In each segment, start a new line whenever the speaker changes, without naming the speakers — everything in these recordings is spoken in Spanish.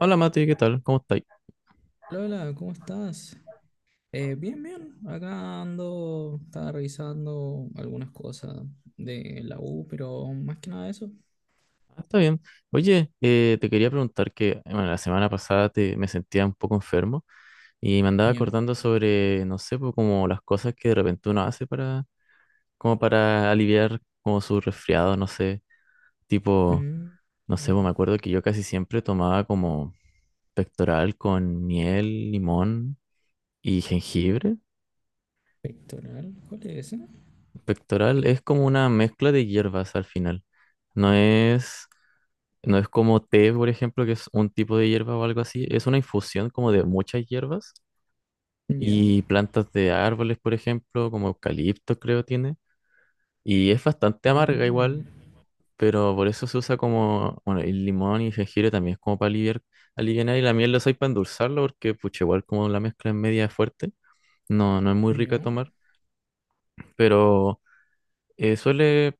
Hola Mati, ¿qué tal? ¿Cómo estáis?
Lola, ¿cómo estás? Bien, bien. Acá ando, estaba revisando algunas cosas de la U, pero más que nada eso.
Ah, está bien. Oye, te quería preguntar que bueno, la semana pasada te, me sentía un poco enfermo y me andaba
Ya.
acordando sobre, no sé, pues, como las cosas que de repente uno hace para, como para aliviar como su resfriado, no sé, tipo,
Mm.
no sé, pues, me acuerdo que yo casi siempre tomaba como pectoral con miel, limón y jengibre.
Pectoral, ¿cuál es ese?
Pectoral es como una mezcla de hierbas al final. No es. No es como té, por ejemplo, que es un tipo de hierba o algo así. Es una infusión como de muchas hierbas
Ya.
y plantas de árboles, por ejemplo, como eucalipto creo tiene. Y es bastante amarga
Mm.
igual, pero por eso se usa como, bueno, el limón y jengibre también es como para aliviar, alivianar y la miel lo usáis para endulzarlo porque, pucha, igual como la mezcla es media fuerte, no, no es muy rica de
Ya.
tomar, pero suele,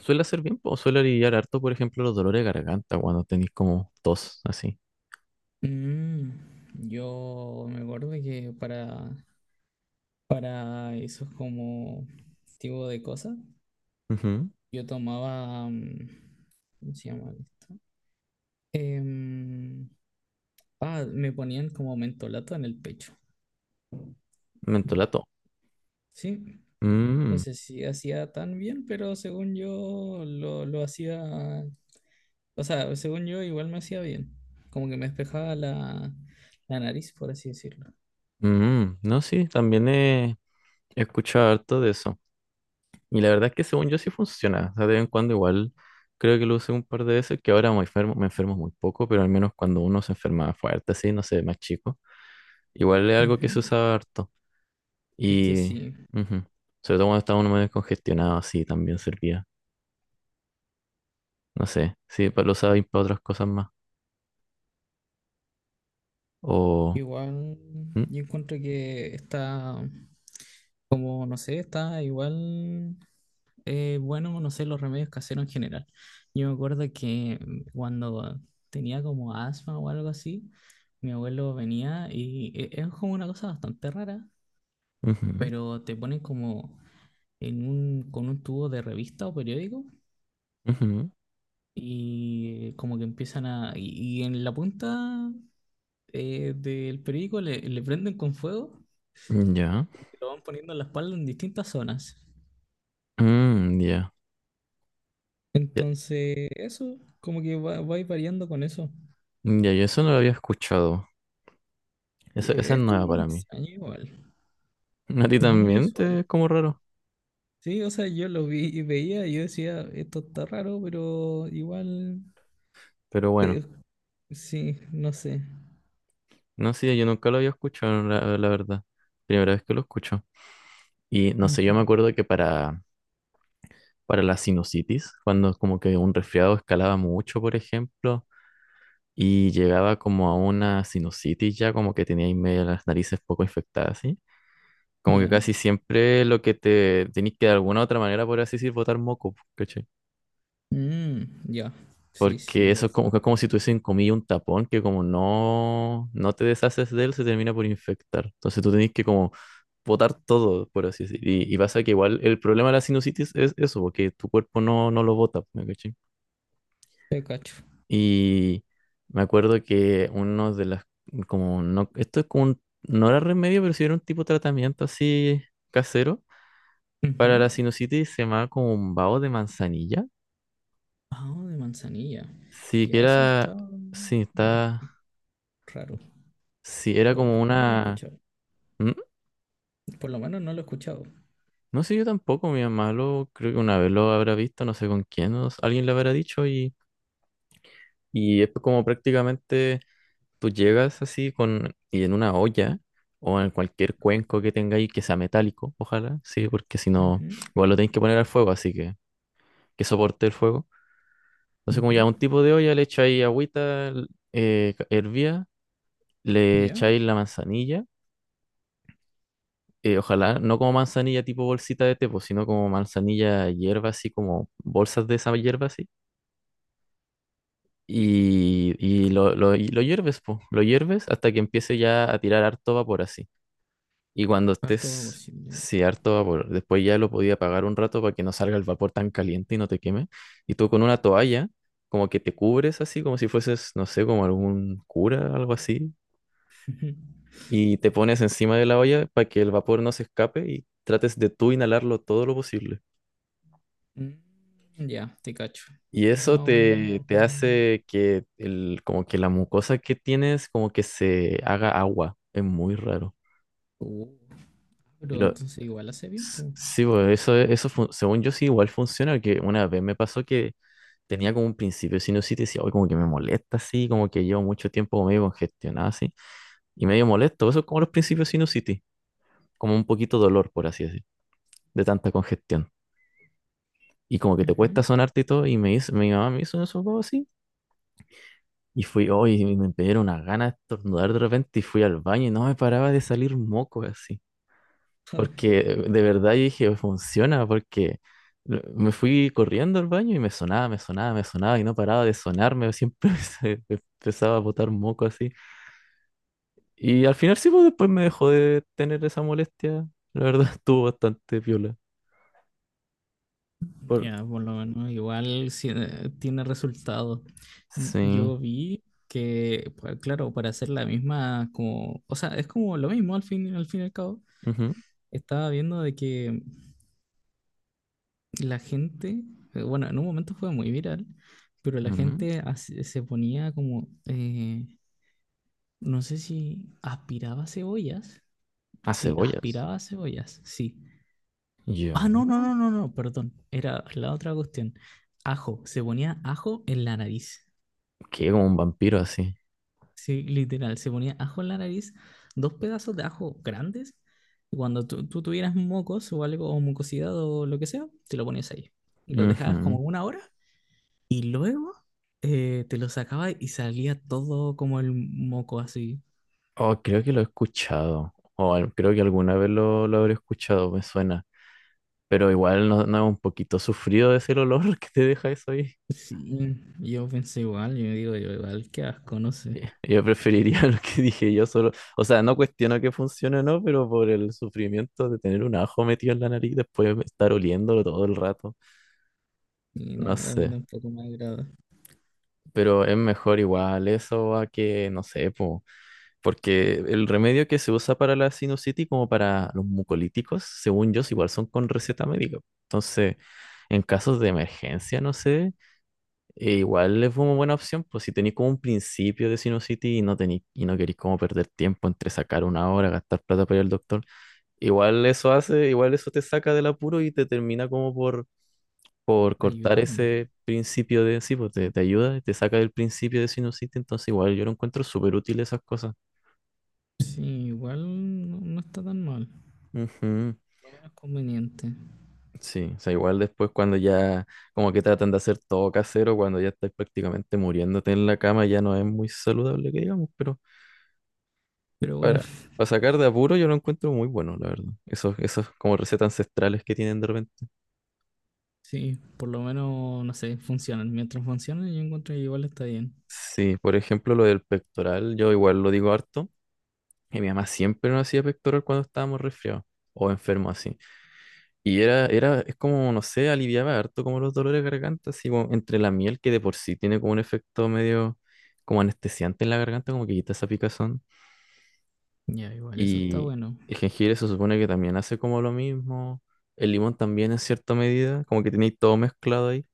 suele hacer bien, o suele aliviar harto, por ejemplo, los dolores de garganta cuando tenéis como tos, así.
Mm. Yo me acuerdo que para esos como tipo de cosas,
Ujú.
yo tomaba, ¿cómo se llama esto? Em, Me ponían como mentolato en el pecho.
Mentolato.
Sí, no
Mm,
sé si hacía tan bien, pero según yo lo hacía, o sea, según yo igual me hacía bien, como que me despejaba la nariz, por así decirlo.
No, sí, también he escuchado harto de eso. Y la verdad es que según yo sí funciona. O sea, de vez en cuando igual creo que lo usé un par de veces, que ahora me enfermo muy poco, pero al menos cuando uno se enferma fuerte, así, no sé, más chico, igual es algo que se
Ujú.
usaba harto.
Es que
Y
sí,
ujú, sobre todo cuando estaba uno medio congestionado, así también servía. No sé, sí, lo usaba y para otras cosas más. O...
igual
mm,
yo encuentro que está, como no sé, está igual bueno, no sé, los remedios caseros en general. Yo me acuerdo que cuando tenía como asma o algo así, mi abuelo venía y es como una cosa bastante rara,
ujú,
pero te ponen como en un, con un tubo de revista o periódico
ujú,
y como que empiezan a... Y en la punta del periódico le prenden con fuego
ya.
y te lo van poniendo en la espalda en distintas zonas.
Mm, ya. Ya,
Entonces, eso, como que va a ir variando con eso.
ya, yo eso no lo había escuchado. Esa es
Es
nueva
como
para mí.
extraño igual,
A ti
no es muy
también te
usual.
es como raro.
Sí, o sea, yo lo vi y veía y yo decía, esto está raro, pero igual,
Pero bueno,
eh, sí, no sé.
no sé, yo nunca lo había escuchado, la verdad. Primera vez que lo escucho. Y no sé, yo
Ujú.
me acuerdo que para la sinusitis, cuando como que un resfriado escalaba mucho, por ejemplo, y llegaba como a una sinusitis ya, como que tenía ahí medio las narices poco infectadas, ¿sí? Como que
¿Ya?
casi siempre lo que te tenés que de alguna u otra manera, por así decir, botar moco, ¿cachai?
Mm, ya. Sí, sí,
Porque
es
eso
verdad.
es como si tuviese en comillas un tapón que como no, no te deshaces de él, se termina por infectar. Entonces tú tenés que como botar todo, por así decir. Y pasa que igual el problema de la sinusitis es eso, porque tu cuerpo no, no lo bota, ¿me cachai?
Te cacho.
Y me acuerdo que uno de las, como, no, esto es como un, no era remedio, pero sí era un tipo de tratamiento así casero. Para
Ujú.
la sinusitis se llamaba como un vaho de manzanilla.
Ah, de manzanilla.
Sí, que
Ya, eso
era,
está
sí, está...
raro.
Sí, era
O
como
por lo menos no lo he
una,
escuchado.
mm,
Por lo menos no lo he escuchado.
no sé, yo tampoco, mi mamá lo creo que una vez lo habrá visto, no sé con quién, no sé, alguien le habrá dicho y es como prácticamente tú llegas así con y en una olla o en cualquier cuenco que tengáis que sea metálico, ojalá, sí, porque si no,
Ujú,
igual lo tenéis que poner al fuego, así que soporte el fuego. Entonces como ya un
ujú.
tipo de olla le echáis agüita hervía, le
Ya.
echáis la manzanilla, ojalá no como manzanilla tipo bolsita de té, pues, sino como manzanilla hierba, así como bolsas de esa hierba, así. Y lo hierves, po. Lo hierves hasta que empiece ya a tirar harto vapor así. Y cuando
Harto
estés,
vaporcito, ya.
sí, harto vapor, después ya lo podía apagar un rato para que no salga el vapor tan caliente y no te queme. Y tú con una toalla, como que te cubres así, como si fueses, no sé, como algún cura, algo así.
Ujú.
Y te pones encima de la olla para que el vapor no se escape y trates de tú inhalarlo todo lo posible.
Mm, ya, te cacho.
Y eso
Más o menos.
te, te hace que el, como que la mucosa que tienes como que se haga agua. Es muy raro.
Uh,
Y
pero
lo-
entonces igual hace bien, pues.
sí, bo, eso, según yo sí igual funciona, que una vez me pasó que tenía como un principio de sinusitis y decía, hoy como que me molesta así, como que llevo mucho tiempo como medio congestionado así. Y medio molesto, eso es como los principios de sinusitis, como un poquito dolor, por así decir, de tanta congestión. Y como que te
Ujú.
cuesta sonarte y todo, y me hizo, mi mamá me hizo eso. Y fui, hoy y me dieron unas ganas de estornudar de repente y fui al baño y no me paraba de salir moco así. Porque de verdad yo dije, funciona, porque me fui corriendo al baño y me sonaba, me sonaba, me sonaba y no paraba de sonarme, siempre me empezaba a botar moco así. Y al final sí, pues después me dejó de tener esa molestia. La verdad estuvo bastante piola. Por...
Ya, por lo menos igual sí, tiene resultado.
Sí.
Yo vi que, pues, claro, para hacer la misma, como, o sea, es como lo mismo al fin y al cabo.
Ujú,
Estaba viendo de que la gente, bueno, en un momento fue muy viral, pero la
ujú.
gente se ponía como, no sé si aspiraba cebollas.
A
Sí,
cebollas.
aspiraba cebollas, sí. Ah,
Ya.
no, no, no, no, no, perdón. Era la otra cuestión. Ajo, se ponía ajo en la nariz.
Quedé como un vampiro así.
Sí, literal, se ponía ajo en la nariz, dos pedazos de ajo grandes, y cuando tú tuvieras mocos o algo, o mucosidad o lo que sea, te lo ponías ahí. Y lo dejabas
Ujú.
como una hora, y luego te lo sacabas y salía todo como el moco así.
Oh, creo que lo he escuchado. Creo que alguna vez lo habré escuchado, me suena. Pero igual no, no es un poquito sufrido es el olor que te deja eso ahí.
Sí, yo pensé igual, yo digo, yo igual, qué asco, no sé.
Yeah. Yo preferiría lo que dije yo solo. O sea, no cuestiono que funcione o no, pero por el sufrimiento de tener un ajo metido en la nariz, después de estar oliéndolo todo el rato.
Y
No
no, a mí
sé.
tampoco me agrada.
Pero es mejor igual eso a que, no sé, pues. Porque el remedio que se usa para la sinusitis, como para los mucolíticos, según yo, igual son con receta médica. Entonces, en casos de emergencia, no sé, igual es una buena opción, pues si tenéis como un principio de sinusitis y no tenéis, y no queréis como perder tiempo entre sacar una hora, gastar plata para ir al doctor, igual eso hace, igual eso te saca del apuro y te termina como por cortar
Ayudando.
ese principio de, sí, pues te ayuda, te saca del principio de sinusitis, entonces igual yo lo encuentro súper útil esas cosas.
Sí, igual no, no está tan mal,
Ujú.
lo menos conveniente.
Sí, o sea, igual después cuando ya como que tratan de hacer todo casero, cuando ya estás prácticamente muriéndote en la cama, ya no es muy saludable que digamos, pero
Pero bueno.
para, para sacar de apuro yo lo encuentro muy bueno, la verdad. Esos como recetas ancestrales que tienen de repente.
Sí, por lo menos, no sé, funcionan. Mientras funcionan, yo encuentro que igual está bien.
Sí, por ejemplo, lo del pectoral, yo igual lo digo harto, y mi mamá siempre nos hacía pectoral cuando estábamos resfriados o enfermos así. Es como, no sé, aliviaba harto como los dolores de garganta, así como entre la miel que de por sí tiene como un efecto medio como anestesiante en la garganta, como que quita esa picazón.
Ya, igual, eso está
Y
bueno.
el jengibre se supone que también hace como lo mismo. El limón también en cierta medida, como que tenéis todo mezclado ahí.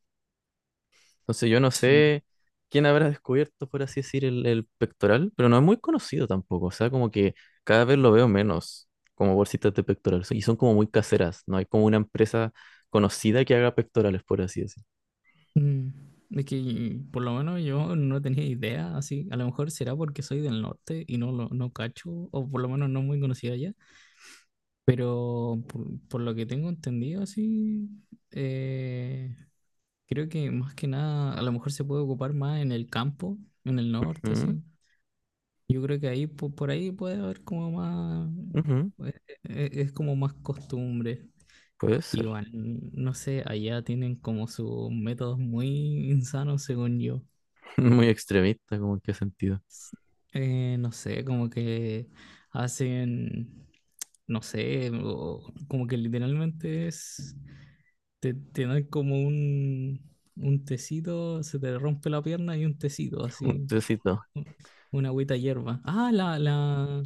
Entonces yo no
Sí.
sé quién habrá descubierto, por así decir, el pectoral, pero no es muy conocido tampoco. O sea, como que cada vez lo veo menos como bolsitas de pectoral. Y son como muy caseras. No hay como una empresa conocida que haga pectorales, por así decir.
Mm, es que por lo menos yo no tenía idea, así, a lo mejor será porque soy del norte y no lo no cacho, o por lo menos no muy conocida allá, pero por lo que tengo entendido, así, eh, creo que más que nada, a lo mejor se puede ocupar más en el campo, en el norte,
Mm,
así. Yo creo que ahí por, ahí puede haber como más,
ujú,
eh, es como más costumbre.
puede ser.
Igual, no sé, allá tienen como sus métodos muy insanos, según yo.
Muy extremista, como en qué sentido.
No sé, como que hacen, no sé, como que literalmente es, te dan como un tecito, se te rompe la pierna y un tecito,
Un
así.
tecito.
Un- Una agüita hierba. Ah,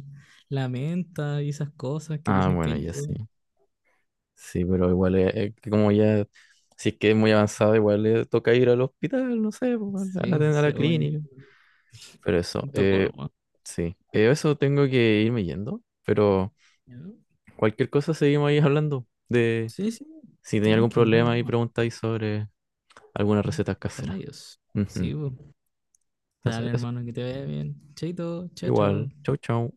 la menta y esas cosas que
Ah,
dicen que
bueno, ya sí.
ayudan.
Sí, pero igual, que como ya, si es que es muy avanzado, igual le toca ir al hospital, no sé, pues,
Sí,
a la
según
clínica.
yo.
Pero eso,
Un toco nomás.
sí, eh, eso tengo que irme yendo, pero
Ya.
cualquier cosa seguimos ahí hablando de
Sí, sí,
si tenía algún
tranqui, no hay
problema y
drama.
preguntáis sobre algunas recetas
Los
caseras.
remedios.
Ujú.
Sí, bu.
Entonces,
Dale,
eso.
hermano, que te vaya bien. Chaito, chao,
Igual.
chao.
Chau, chau.